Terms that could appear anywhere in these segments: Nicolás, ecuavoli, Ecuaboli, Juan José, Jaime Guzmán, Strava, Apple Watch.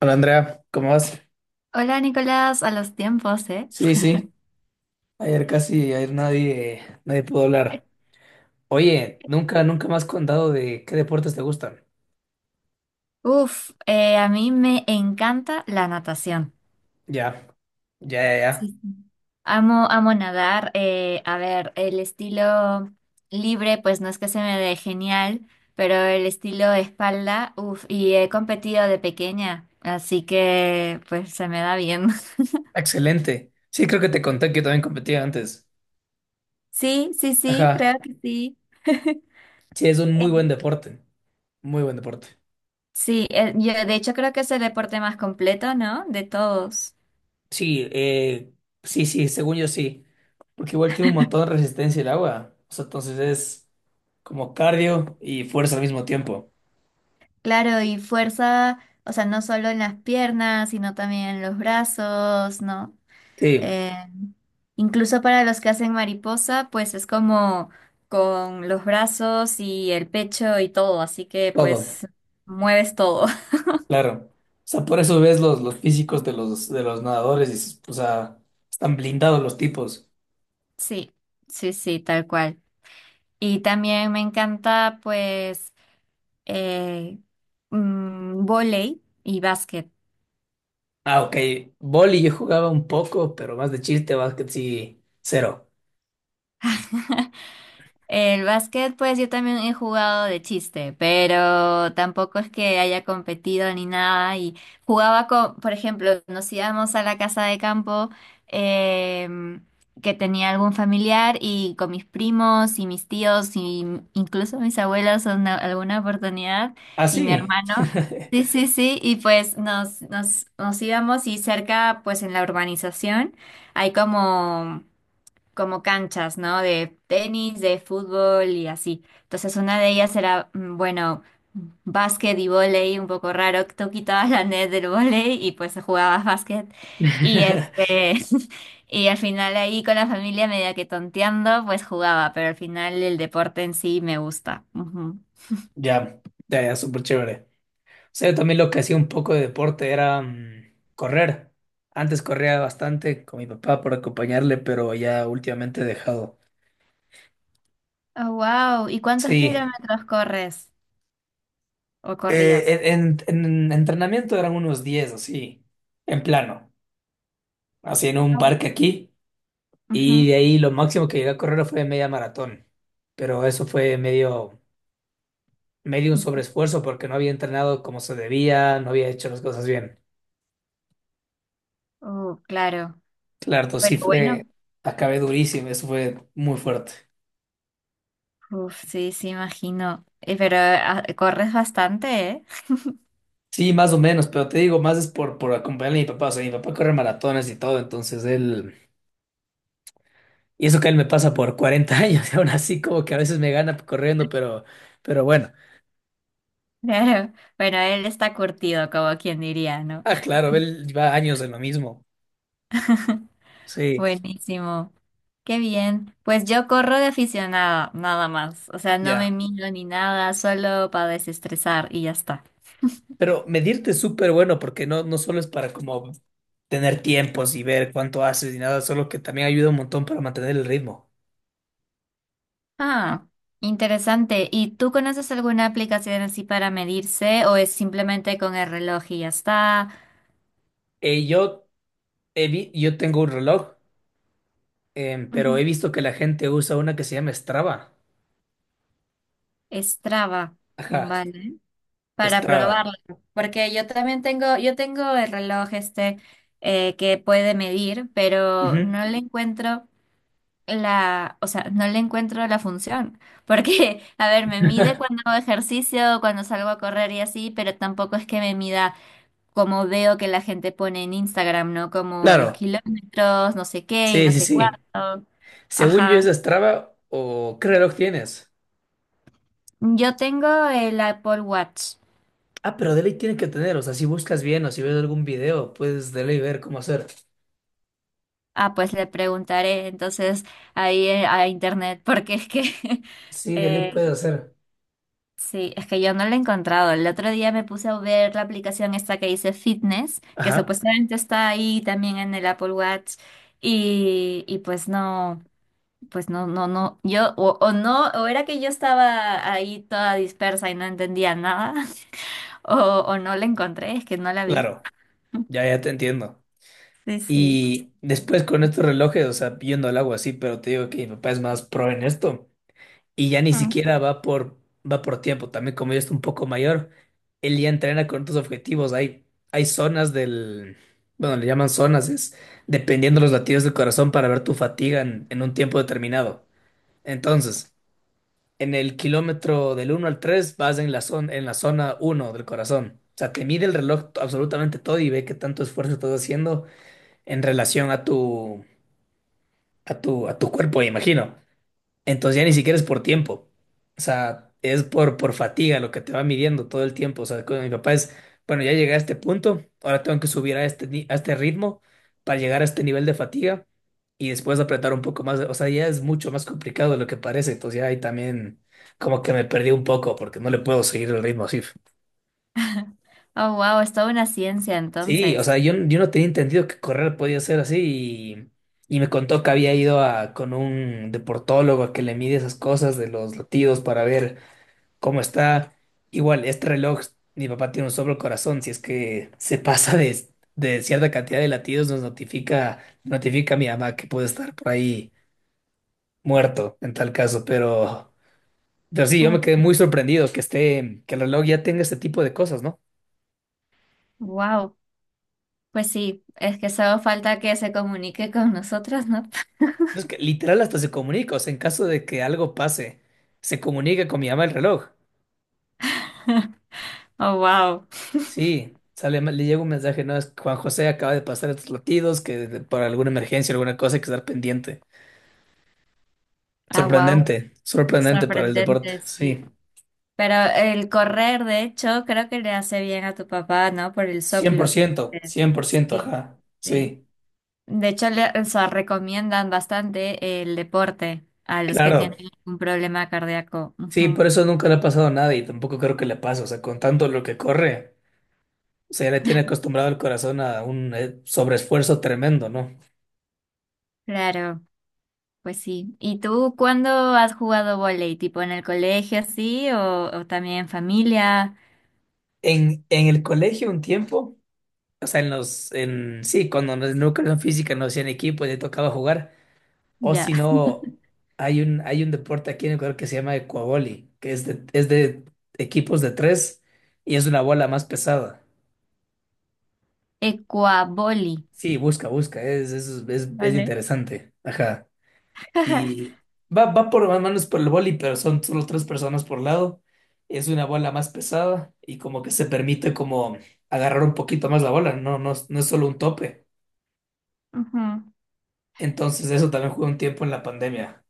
Hola Andrea, ¿cómo vas? Hola Nicolás, a los tiempos, ¿eh? Sí, sí, ayer casi, ayer nadie pudo hablar. Oye, nunca me has contado de qué deportes te gustan. Uf, a mí me encanta la natación. Ya, ya, ya, ya. Sí, sí. Amo nadar. A ver, el estilo libre, pues no es que se me dé genial, pero el estilo espalda, uf, y he competido de pequeña, así que pues se me da bien. Excelente. Sí, creo que te conté que yo también competía antes. Sí, sí, sí, Ajá. creo que sí. Sí, es un Eh, muy buen deporte. Muy buen deporte. Sí, yo de hecho creo que es el deporte más completo, ¿no? De todos. Sí, sí, sí, según yo sí. Porque igual tiene un montón de resistencia el agua. O sea, entonces es como cardio y fuerza al mismo tiempo. Claro, y fuerza, o sea, no solo en las piernas, sino también en los brazos, ¿no? Sí, Eh, Incluso para los que hacen mariposa, pues es como con los brazos y el pecho y todo, así que todo. pues mueves todo. Claro. O sea, por eso ves los físicos de los nadadores, y dices, o sea, están blindados los tipos. Sí, sí, sí, tal cual. Y también me encanta pues eh, vóley y básquet. Ah, ok. Voli yo jugaba un poco, pero más de chiste, básquet sí, cero. El básquet, pues yo también he jugado de chiste, pero tampoco es que haya competido ni nada. Y jugaba con, por ejemplo, nos íbamos a la casa de campo em, que tenía algún familiar y con mis primos y mis tíos y incluso mis abuelos en alguna oportunidad Ah, y mi sí. hermano. Sí, sí, sí, y pues nos, nos íbamos y cerca, pues en la urbanización hay como canchas, ¿no? De tenis, de fútbol y así. Entonces una de ellas era, mm, bueno, básquet y vóley, un poco raro, que tú quitabas la net del vóley y pues jugabas básquet. Y este, y al final ahí con la familia, media que tonteando, pues jugaba, pero al final el deporte en sí me gusta. Ujú. Ya, ya, ya, súper chévere. O sea, yo también lo que hacía un poco de deporte era correr. Antes corría bastante con mi papá por acompañarle, pero ya últimamente he dejado. Oh, wow. ¿Y cuántos Sí. kilómetros corres o corrías? Eh, en, en- en entrenamiento eran unos 10 así, en plano. Así en un Au. parque aquí, y Ujú. de ahí lo máximo que llegué a correr fue media maratón, pero eso fue medio un sobreesfuerzo porque no había entrenado como se debía, no había hecho las cosas bien. Oh, claro. Claro, entonces Pero sí bueno, fue, acabé durísimo, eso fue muy fuerte. uf, sí, sí, imagino. Pero ah, corres bastante, ¿eh? Sí, más o menos, pero te digo, más es por acompañar a mi papá, o sea, mi papá corre maratones y todo, entonces él, y eso que él me pasa por 40 años, y aún así como que a veces me gana corriendo, pero bueno, Claro. Bueno, él está curtido, como quien diría, ¿no? ah, claro, él lleva años en lo mismo, sí, Buenísimo. Qué bien. Pues yo corro de aficionada, nada más. O sea, no me ya. miro ni nada, solo para desestresar y ya está. Pero medirte es súper bueno porque no solo es para como tener tiempos y ver cuánto haces y nada, solo que también ayuda un montón para mantener el ritmo. Ah, interesante. ¿Y tú conoces alguna aplicación así para medirse o es simplemente con el reloj y ya está? Eh, yo, yo tengo un reloj, pero Ujú. he visto que la gente usa una que se llama Strava. Strava. Ajá, Vale. Para Strava. probarla, porque yo también tengo, yo tengo el reloj este que puede medir, pero Ujú. no le encuentro la, o sea, no le encuentro la función, porque, a ver, me mide cuando hago ejercicio, cuando salgo a correr y así, pero tampoco es que me mida como veo que la gente pone en Instagram, ¿no? Como los Claro, kilómetros, no sé qué y sí, no sí, sé sí. cuánto. Según yo es Ajá. Strava, o ¿qué reloj tienes? Yo tengo el Apple Watch. Ah, pero de ley tiene que tener, o sea, si buscas bien o si ves algún video, puedes de ley ver cómo hacer. Ah, pues le preguntaré entonces ahí a internet, porque es que Sí, de ley eh, puedes hacer. sí, es que yo no lo he encontrado. El otro día me puse a ver la aplicación esta que dice Fitness, que Ajá, supuestamente está ahí también en el Apple Watch, y pues no, no, no, yo, o no, o era que yo estaba ahí toda dispersa y no entendía nada, o, o no la encontré, es que no la vi. claro, ya, ya te entiendo. Sí, sí. Y después con estos relojes, o sea, yendo al agua, sí, pero te digo que mi papá es más pro en esto. Y ya ni Mm. siquiera va por tiempo. También como ya está un poco mayor, él ya entrena con otros objetivos. Hay zonas del, bueno, le llaman zonas, es dependiendo los latidos del corazón para ver tu fatiga en un tiempo determinado. Entonces, en el kilómetro del 1 al 3 vas en la zona uno del corazón. O sea, te mide el reloj absolutamente todo y ve qué tanto esfuerzo estás haciendo en relación a tu cuerpo, me imagino. Entonces ya ni siquiera es por tiempo. O sea, es por fatiga lo que te va midiendo todo el tiempo. O sea, con mi papá es, bueno, ya llegué a este punto, ahora tengo que subir a este, ni- a este ritmo para llegar a este nivel de fatiga y después apretar un poco más. O sea, ya es mucho más complicado de lo que parece. Entonces ya ahí también como que me perdí un poco porque no le puedo seguir el ritmo así. Oh, wow, es toda una ciencia Sí, o entonces. sea, yo no tenía entendido que correr podía ser así, y me contó que había ido con un deportólogo a que le mide esas cosas de los latidos para ver cómo está. Igual, este reloj, mi papá tiene un sobre corazón, si es que se pasa de cierta cantidad de latidos, nos notifica, a mi mamá que puede estar por ahí muerto en tal caso, pero sí, yo me quedé muy sorprendido que el reloj ya tenga este tipo de cosas, ¿no? Wow, pues sí, es que solo falta que se comunique con nosotros, ¿no? No es que literal hasta se comunica, o sea, en caso de que algo pase, se comunica con mi mamá el reloj. Oh, wow, Sí, sale, le llega un mensaje, no, es que Juan José acaba de pasar estos latidos, que por alguna emergencia, alguna cosa hay que estar pendiente. ah, wow, Sorprendente, sorprendente para el deporte, sorprendente, sí. sí. Pero el correr, de hecho, creo que le hace bien a tu papá, ¿no? Por el cien por soplo que ciento que- 100%, sí, ajá, sí. sí, De hecho, le, o sea, recomiendan bastante el deporte a los que claro. tienen un problema cardíaco. Sí, Ujú. por eso nunca le ha pasado nada y tampoco creo que le pase, o sea, con tanto lo que corre, o se le tiene acostumbrado el corazón a un sobreesfuerzo tremendo, ¿no? Claro, pues sí. ¿Y tú cuándo has jugado vóley? ¿Tipo en el colegio, así, o también en familia? En el colegio un tiempo... O sea, sí, cuando en la educación física nos hacían equipo y te tocaba jugar. O Ya. si no, hay un deporte aquí en Ecuador que se llama ecuavoli, que es de equipos de tres y es una bola más pesada. Ecuaboli. Sí, busca, busca, es ¿Vale? interesante. Ajá. Y va por más manos por el boli, pero son solo tres personas por lado. Es una bola más pesada y como que se permite como agarrar un poquito más la bola, no es solo un tope. Entonces eso también jugué un tiempo en la pandemia.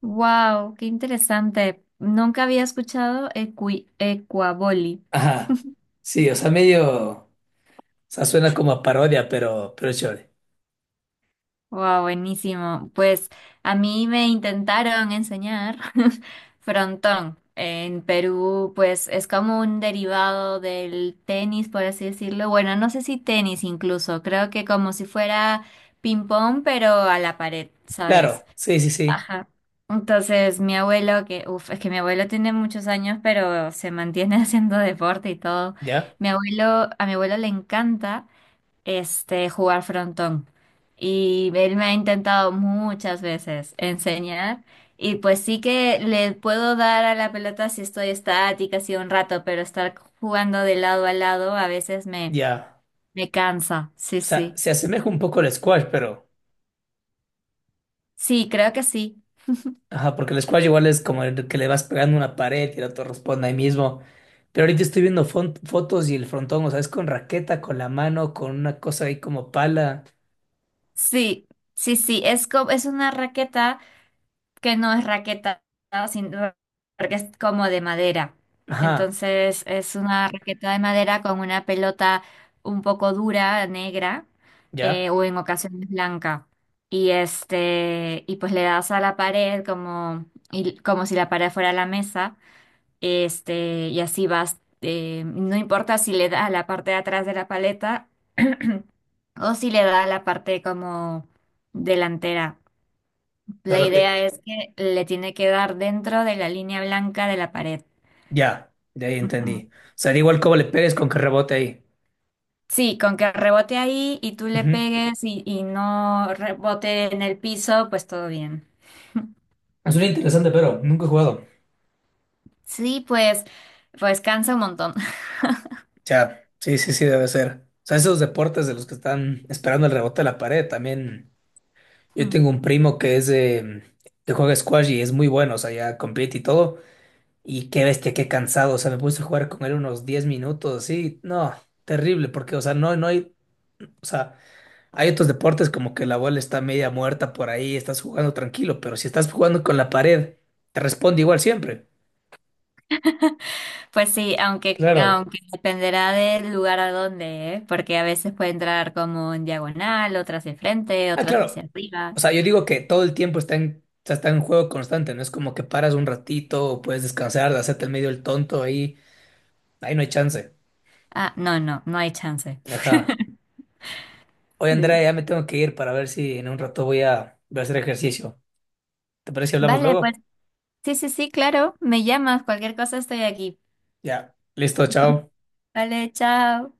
Wow, qué interesante. Nunca había escuchado ecuaboli. Ajá. Sí, o sea, medio, o sea, suena como a parodia, pero es chévere. Wow, buenísimo. Pues a mí me intentaron enseñar frontón. En Perú, pues es como un derivado del tenis, por así decirlo. Bueno, no sé si tenis incluso. Creo que como si fuera ping pong, pero a la pared, ¿sabes? Claro, sí, sí, sí. Ajá. Entonces, mi abuelo, que, uf, es que mi abuelo tiene muchos años, pero se mantiene haciendo deporte y todo. Ya, Mi abuelo, a mi abuelo le encanta este jugar frontón. Y él me ha intentado muchas veces enseñar. Y pues sí que le puedo dar a la pelota si estoy estática, así un rato, pero estar jugando de lado a lado a veces me, ya. me cansa. Sí, O sea, sí. se asemeja un poco al squash, pero, Sí, creo que sí. ajá, porque el squash igual es como el que le vas pegando una pared y el otro responde ahí mismo. Pero ahorita estoy viendo fotos y el frontón, o sea, es con raqueta, con la mano, con una cosa ahí como pala. Sí, sí, sí. Es, es una raqueta. Que no es raqueta, sino porque es como de madera. Ajá, Entonces es una raqueta de madera con una pelota un poco dura, negra, ya. o en ocasiones blanca. Y este, y pues le das a la pared como, como si la pared fuera la mesa, este, y así vas, no importa si le da a la parte de atrás de la paleta o si le da a la parte como delantera. O sea, La idea es que le tiene que dar dentro de la línea blanca de la pared. ya, de ahí Ujú. entendí. O sea, da igual cómo le pegues con que rebote ahí. Sí, con que rebote ahí y tú le pegues y no rebote en el piso, pues todo bien. Suena interesante, pero nunca he jugado. Sí, pues, pues cansa un montón. Ya, sí, sí, sí, debe ser. O sea, esos deportes de los que están esperando el rebote de la pared, también. Yo Mm. tengo un primo que juega squash y es muy bueno, o sea, ya compite y todo. Y qué bestia, qué cansado. O sea, me puse a jugar con él unos 10 minutos, sí. No, terrible, porque, o sea, no hay, o sea, hay otros deportes como que la bola está media muerta por ahí, estás jugando tranquilo, pero si estás jugando con la pared, te responde igual siempre. Pues sí, aunque, Claro. aunque dependerá del lugar a donde, ¿eh? Porque a veces puede entrar como en diagonal, otras de frente, Ah, otras hacia claro. arriba. O sea, yo digo que todo el tiempo está en, o sea, está en juego constante, no es como que paras un ratito o puedes descansar, de hacerte el medio el tonto ahí, ahí no hay chance. Ah, no, no, no hay chance. Ajá. Oye, Andrea, Sí. ya me tengo que ir para ver si en un rato voy a hacer ejercicio. ¿Te parece si hablamos Vale, luego? pues sí, sí, sí, claro, me llamas, cualquier cosa estoy aquí. Ya. Listo, chao. Vale, chao.